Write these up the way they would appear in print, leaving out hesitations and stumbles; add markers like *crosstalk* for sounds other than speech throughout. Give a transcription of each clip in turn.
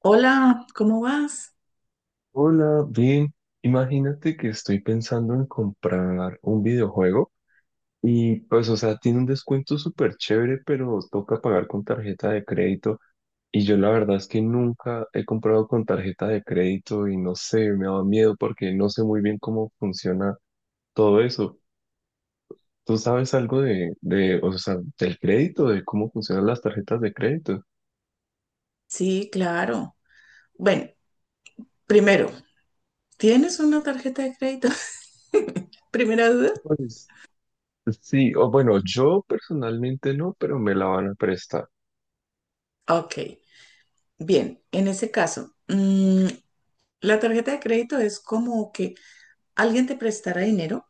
Hola, ¿cómo vas? Hola, bien. Imagínate que estoy pensando en comprar un videojuego y pues, o sea, tiene un descuento súper chévere, pero toca pagar con tarjeta de crédito. Y yo la verdad es que nunca he comprado con tarjeta de crédito y no sé, me da miedo porque no sé muy bien cómo funciona todo eso. ¿Tú sabes algo de, o sea, del crédito, de cómo funcionan las tarjetas de crédito? Sí, claro. Bueno, primero, ¿tienes una tarjeta de crédito? *laughs* Primera duda. Pues sí, o bueno, yo personalmente no, pero me la van a prestar. Ok, bien, en ese caso, la tarjeta de crédito es como que alguien te prestará dinero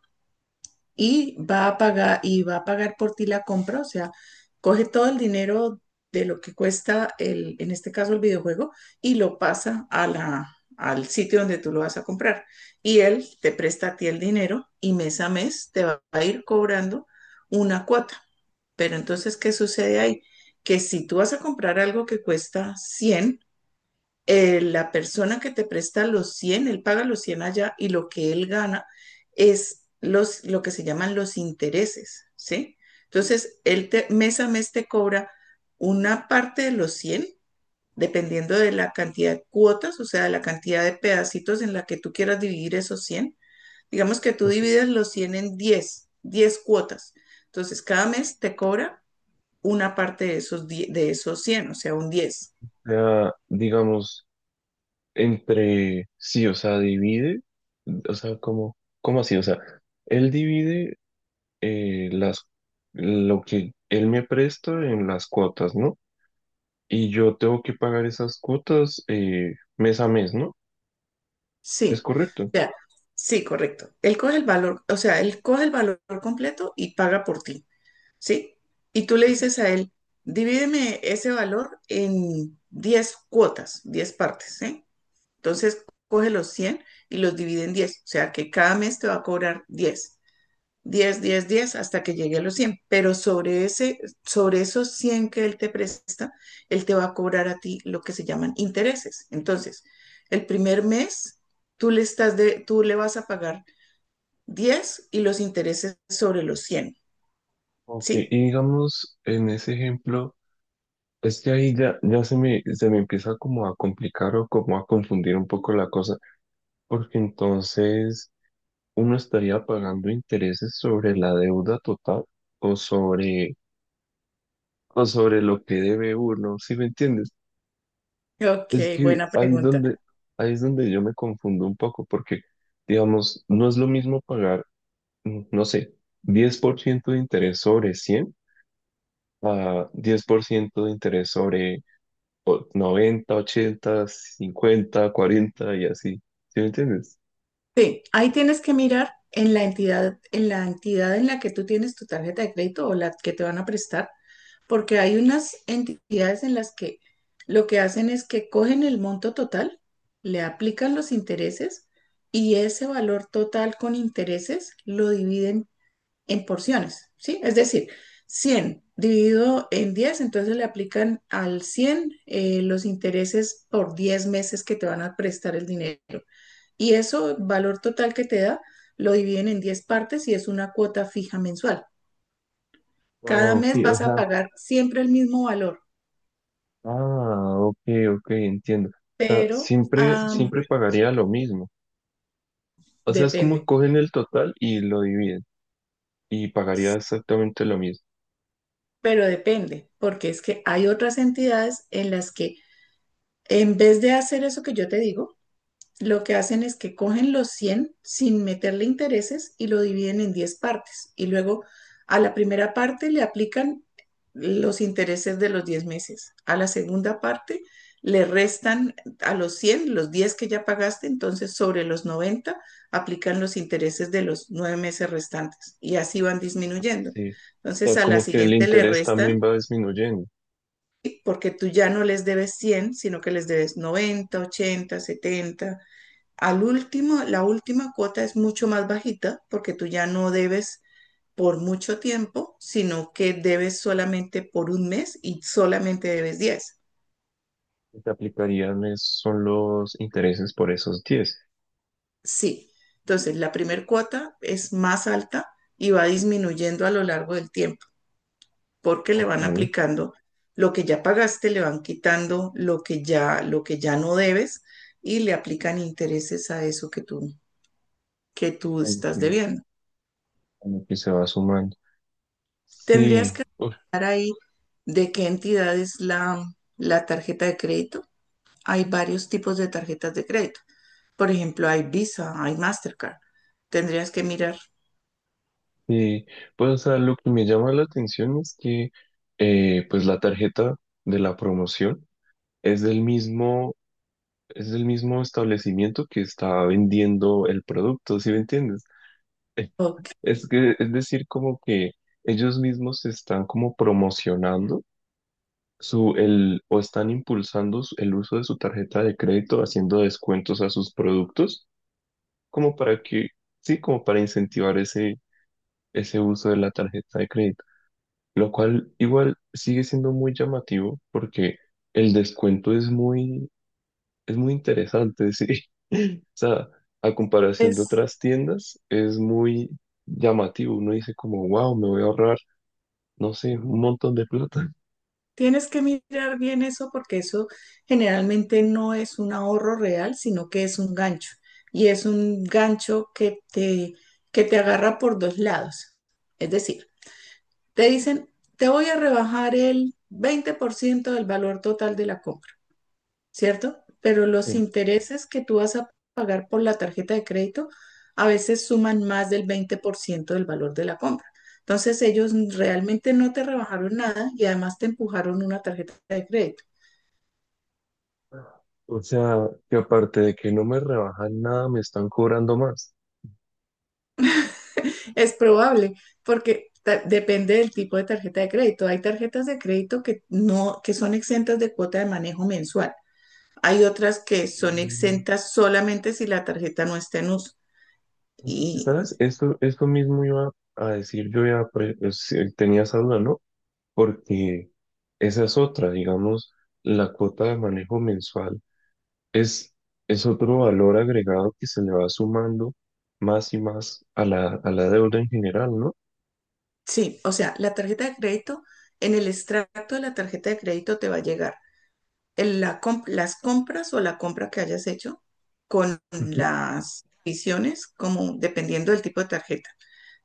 y va a pagar por ti la compra, o sea, coge todo el dinero de lo que cuesta en este caso el videojuego y lo pasa a al sitio donde tú lo vas a comprar. Y él te presta a ti el dinero y mes a mes te va a ir cobrando una cuota. Pero entonces, ¿qué sucede ahí? Que si tú vas a comprar algo que cuesta 100, la persona que te presta los 100, él paga los 100 allá y lo que él gana es lo que se llaman los intereses, ¿sí? Entonces, mes a mes te cobra una parte de los 100, dependiendo de la cantidad de cuotas, o sea, de la cantidad de pedacitos en la que tú quieras dividir esos 100. Digamos que tú divides los 100 en diez cuotas. Entonces, cada mes te cobra una parte de de esos 100, o sea, un 10. Sea, digamos, entre sí, o sea, divide, o sea, como, ¿cómo así? O sea, él divide las, lo que él me presta en las cuotas, ¿no? Y yo tengo que pagar esas cuotas mes a mes, ¿no? Es Sí, o correcto. sea, sí, correcto. Él coge el valor, o sea, él coge el valor completo y paga por ti, ¿sí? Y tú le dices a él, divídeme ese valor en 10 cuotas, 10 partes, ¿sí? Entonces coge los 100 y los divide en 10, o sea que cada mes te va a cobrar diez 10 hasta que llegue a los 100, pero sobre esos 100 que él te presta, él te va a cobrar a ti lo que se llaman intereses. Entonces, el primer mes tú le vas a pagar 10 y los intereses sobre los 100, Ok, ¿sí? y digamos, en ese ejemplo, es que ahí ya, ya se me empieza como a complicar o como a confundir un poco la cosa, porque entonces uno estaría pagando intereses sobre la deuda total o sobre, o sobre lo que debe uno, ¿sí me entiendes? Es Ok, que buena pregunta. Ahí es donde yo me confundo un poco, porque, digamos, no es lo mismo pagar, no sé, 10% de interés sobre 100 a 10% de interés sobre 90 80 50 40 y así, ¿sí me entiendes? Sí, ahí tienes que mirar en la entidad, en la que tú tienes tu tarjeta de crédito o la que te van a prestar. Porque hay unas entidades en las que lo que hacen es que cogen el monto total, le aplican los intereses y ese valor total con intereses lo dividen en porciones, ¿sí? Es decir, 100 dividido en 10, entonces le aplican al 100 los intereses por 10 meses que te van a prestar el dinero. Y eso, valor total que te da, lo dividen en 10 partes y es una cuota fija mensual. Ah, Cada ok, mes o vas a sea, pagar siempre el mismo valor. ah, ok, ok, entiendo. O sea, siempre, siempre Siempre. pagaría lo mismo. O sea, es como que Depende, cogen el total y lo dividen y pagaría exactamente lo mismo. pero depende, porque es que hay otras entidades en las que en vez de hacer eso que yo te digo, lo que hacen es que cogen los 100 sin meterle intereses y lo dividen en 10 partes. Y luego a la primera parte le aplican los intereses de los 10 meses. A la segunda parte le restan a los 100 los 10 que ya pagaste, entonces sobre los 90 aplican los intereses de los 9 meses restantes y así van disminuyendo. Sí. O Entonces sea, a la como que el siguiente le interés restan, también va disminuyendo. sí, porque tú ya no les debes 100, sino que les debes 90, 80, 70 Al último, la última cuota es mucho más bajita porque tú ya no debes por mucho tiempo, sino que debes solamente por un mes y solamente debes 10. Y te aplicarían ¿son los intereses por esos 10? Sí. Entonces, la primera cuota es más alta y va disminuyendo a lo largo del tiempo porque le Ok, van aplicando lo que ya pagaste, le van quitando lo que ya no debes y le aplican intereses a eso que que tú como estás que, debiendo. como que se va sumando. Tendrías Sí, que uf, estar ahí. ¿De qué entidad es la tarjeta de crédito? Hay varios tipos de tarjetas de crédito. Por ejemplo, hay Visa, hay Mastercard. Tendrías que mirar. sí. Pues, o sea, lo que me llama la atención es que, pues, la tarjeta de la promoción es del mismo. Es el mismo establecimiento que está vendiendo el producto, ¿sí me entiendes? Eh, Ok, Es que, es decir, como que ellos mismos están como promocionando su, el, o están impulsando el uso de su tarjeta de crédito, haciendo descuentos a sus productos, como para que, sí, como para incentivar ese, ese uso de la tarjeta de crédito, lo cual igual sigue siendo muy llamativo porque el descuento es muy interesante, sí. *laughs* O sea, a comparación de es- otras tiendas, es muy llamativo. Uno dice como, wow, me voy a ahorrar, no sé, un montón de plata. *laughs* tienes que mirar bien eso porque eso generalmente no es un ahorro real, sino que es un gancho. Y es un gancho que que te agarra por dos lados. Es decir, te dicen, te voy a rebajar el 20% del valor total de la compra, ¿cierto? Pero los Sí. intereses que tú vas a pagar por la tarjeta de crédito a veces suman más del 20% del valor de la compra. Entonces ellos realmente no te rebajaron nada y además te empujaron una tarjeta de crédito. O sea, que aparte de que no me rebajan nada, me están cobrando más. Es probable porque depende del tipo de tarjeta de crédito. Hay tarjetas de crédito que no, que son exentas de cuota de manejo mensual. Hay otras que son Mm, exentas solamente si la tarjeta no está en uso. sí, Y ¿sabes? Esto mismo iba a decir, yo ya sí, tenía esa duda, ¿no? Porque esa es otra, digamos, la cuota de manejo mensual. Es, es otro valor agregado que se le va sumando más y más a la deuda en general, ¿no? sí, o sea, la tarjeta de crédito, en el extracto de la tarjeta de crédito te va a llegar las compras o la compra que hayas hecho con Ujú. las visiones, como dependiendo del tipo de tarjeta.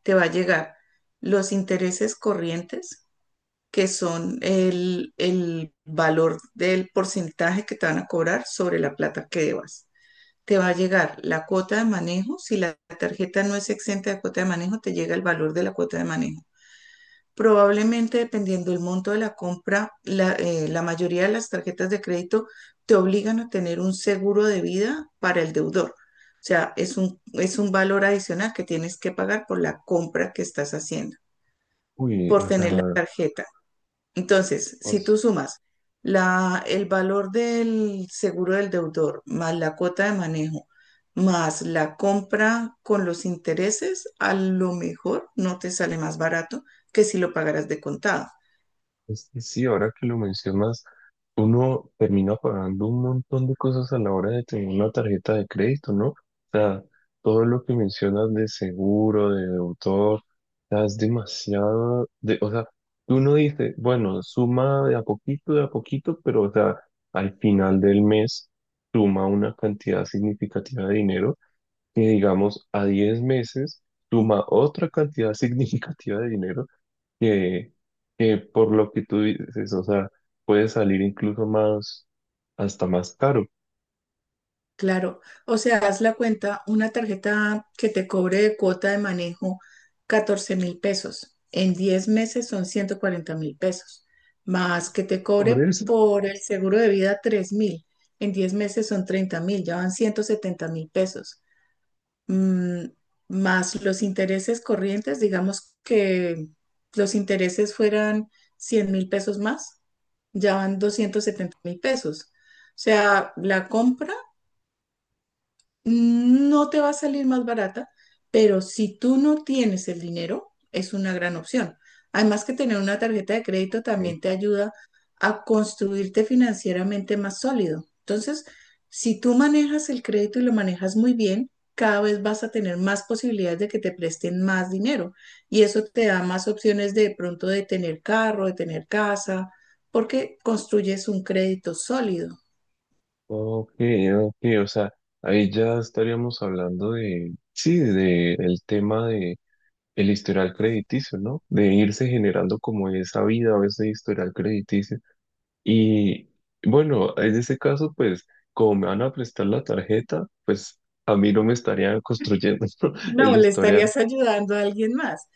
Te va a llegar los intereses corrientes, que son el valor del porcentaje que te van a cobrar sobre la plata que debas. Te va a llegar la cuota de manejo. Si la tarjeta no es exenta de cuota de manejo, te llega el valor de la cuota de manejo. Probablemente, dependiendo del monto de la compra, la mayoría de las tarjetas de crédito te obligan a tener un seguro de vida para el deudor. O sea, es es un valor adicional que tienes que pagar por la compra que estás haciendo, Uy, por o tener la sea, tarjeta. Entonces, si os- tú sumas el valor del seguro del deudor, más la cuota de manejo, más la compra con los intereses, a lo mejor no te sale más barato que si lo pagaras de contado. es que sí, ahora que lo mencionas, uno termina pagando un montón de cosas a la hora de tener una tarjeta de crédito, ¿no? O sea, todo lo que mencionas de seguro, de autor, es demasiado, de, o sea, uno dice, bueno, suma de a poquito, pero, o sea, al final del mes suma una cantidad significativa de dinero que, digamos, a 10 meses suma otra cantidad *laughs* significativa de dinero que, que por lo que tú dices, o sea, puede salir incluso más, hasta más caro. Claro, o sea, haz la cuenta, una tarjeta que te cobre de cuota de manejo 14.000 pesos, en 10 meses son 140.000 pesos, más que te Por cobre eso. por el seguro de vida 3.000, en 10 meses son 30.000, ya van 170.000 pesos. Mm, más los intereses corrientes, digamos que los intereses fueran 100.000 pesos más, ya van 270.000 pesos. O sea, la compra no te va a salir más barata, pero si tú no tienes el dinero, es una gran opción. Además que tener una tarjeta de crédito Ok, también te ayuda a construirte financieramente más sólido. Entonces, si tú manejas el crédito y lo manejas muy bien, cada vez vas a tener más posibilidades de que te presten más dinero y eso te da más opciones de pronto de tener carro, de tener casa, porque construyes un crédito sólido. ok, ok, o sea, ahí ya estaríamos hablando de, sí, de el tema de el historial crediticio, ¿no? De irse generando como esa vida o ese historial crediticio. Y bueno, en ese caso, pues, como me van a prestar la tarjeta, pues a mí no me estarían construyendo *laughs* No, el le historial. estarías ayudando a alguien más.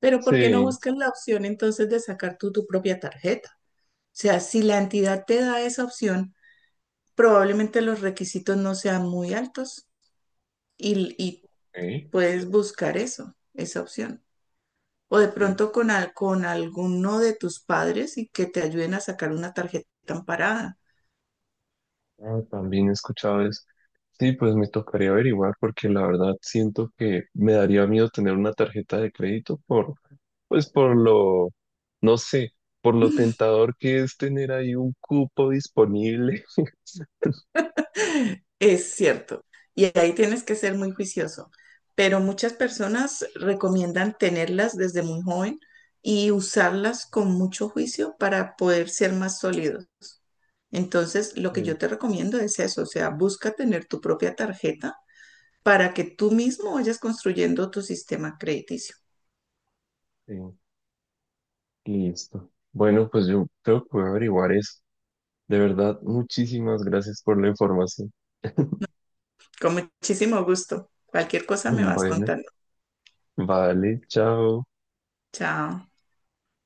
Pero ¿por qué no Sí, buscas la opción entonces de sacar tú tu propia tarjeta? O sea, si la entidad te da esa opción, probablemente los requisitos no sean muy altos y ok, puedes buscar eso, esa opción. O de sí. pronto con alguno de tus padres y que te ayuden a sacar una tarjeta amparada. Ah, también he escuchado eso. Sí, pues me tocaría averiguar porque la verdad siento que me daría miedo tener una tarjeta de crédito por, pues por lo, no sé, por lo tentador que es tener ahí un cupo disponible. *laughs* Es cierto. Y ahí tienes que ser muy juicioso. Pero muchas personas recomiendan tenerlas desde muy joven y usarlas con mucho juicio para poder ser más sólidos. Entonces, lo que yo Sí, te recomiendo es eso, o sea, busca tener tu propia tarjeta para que tú mismo vayas construyendo tu sistema crediticio. sí, listo. Bueno, pues yo creo que voy a averiguar eso. De verdad, muchísimas gracias por la información. Con muchísimo gusto. Cualquier cosa me vas Bueno, contando. vale, chao. Chao.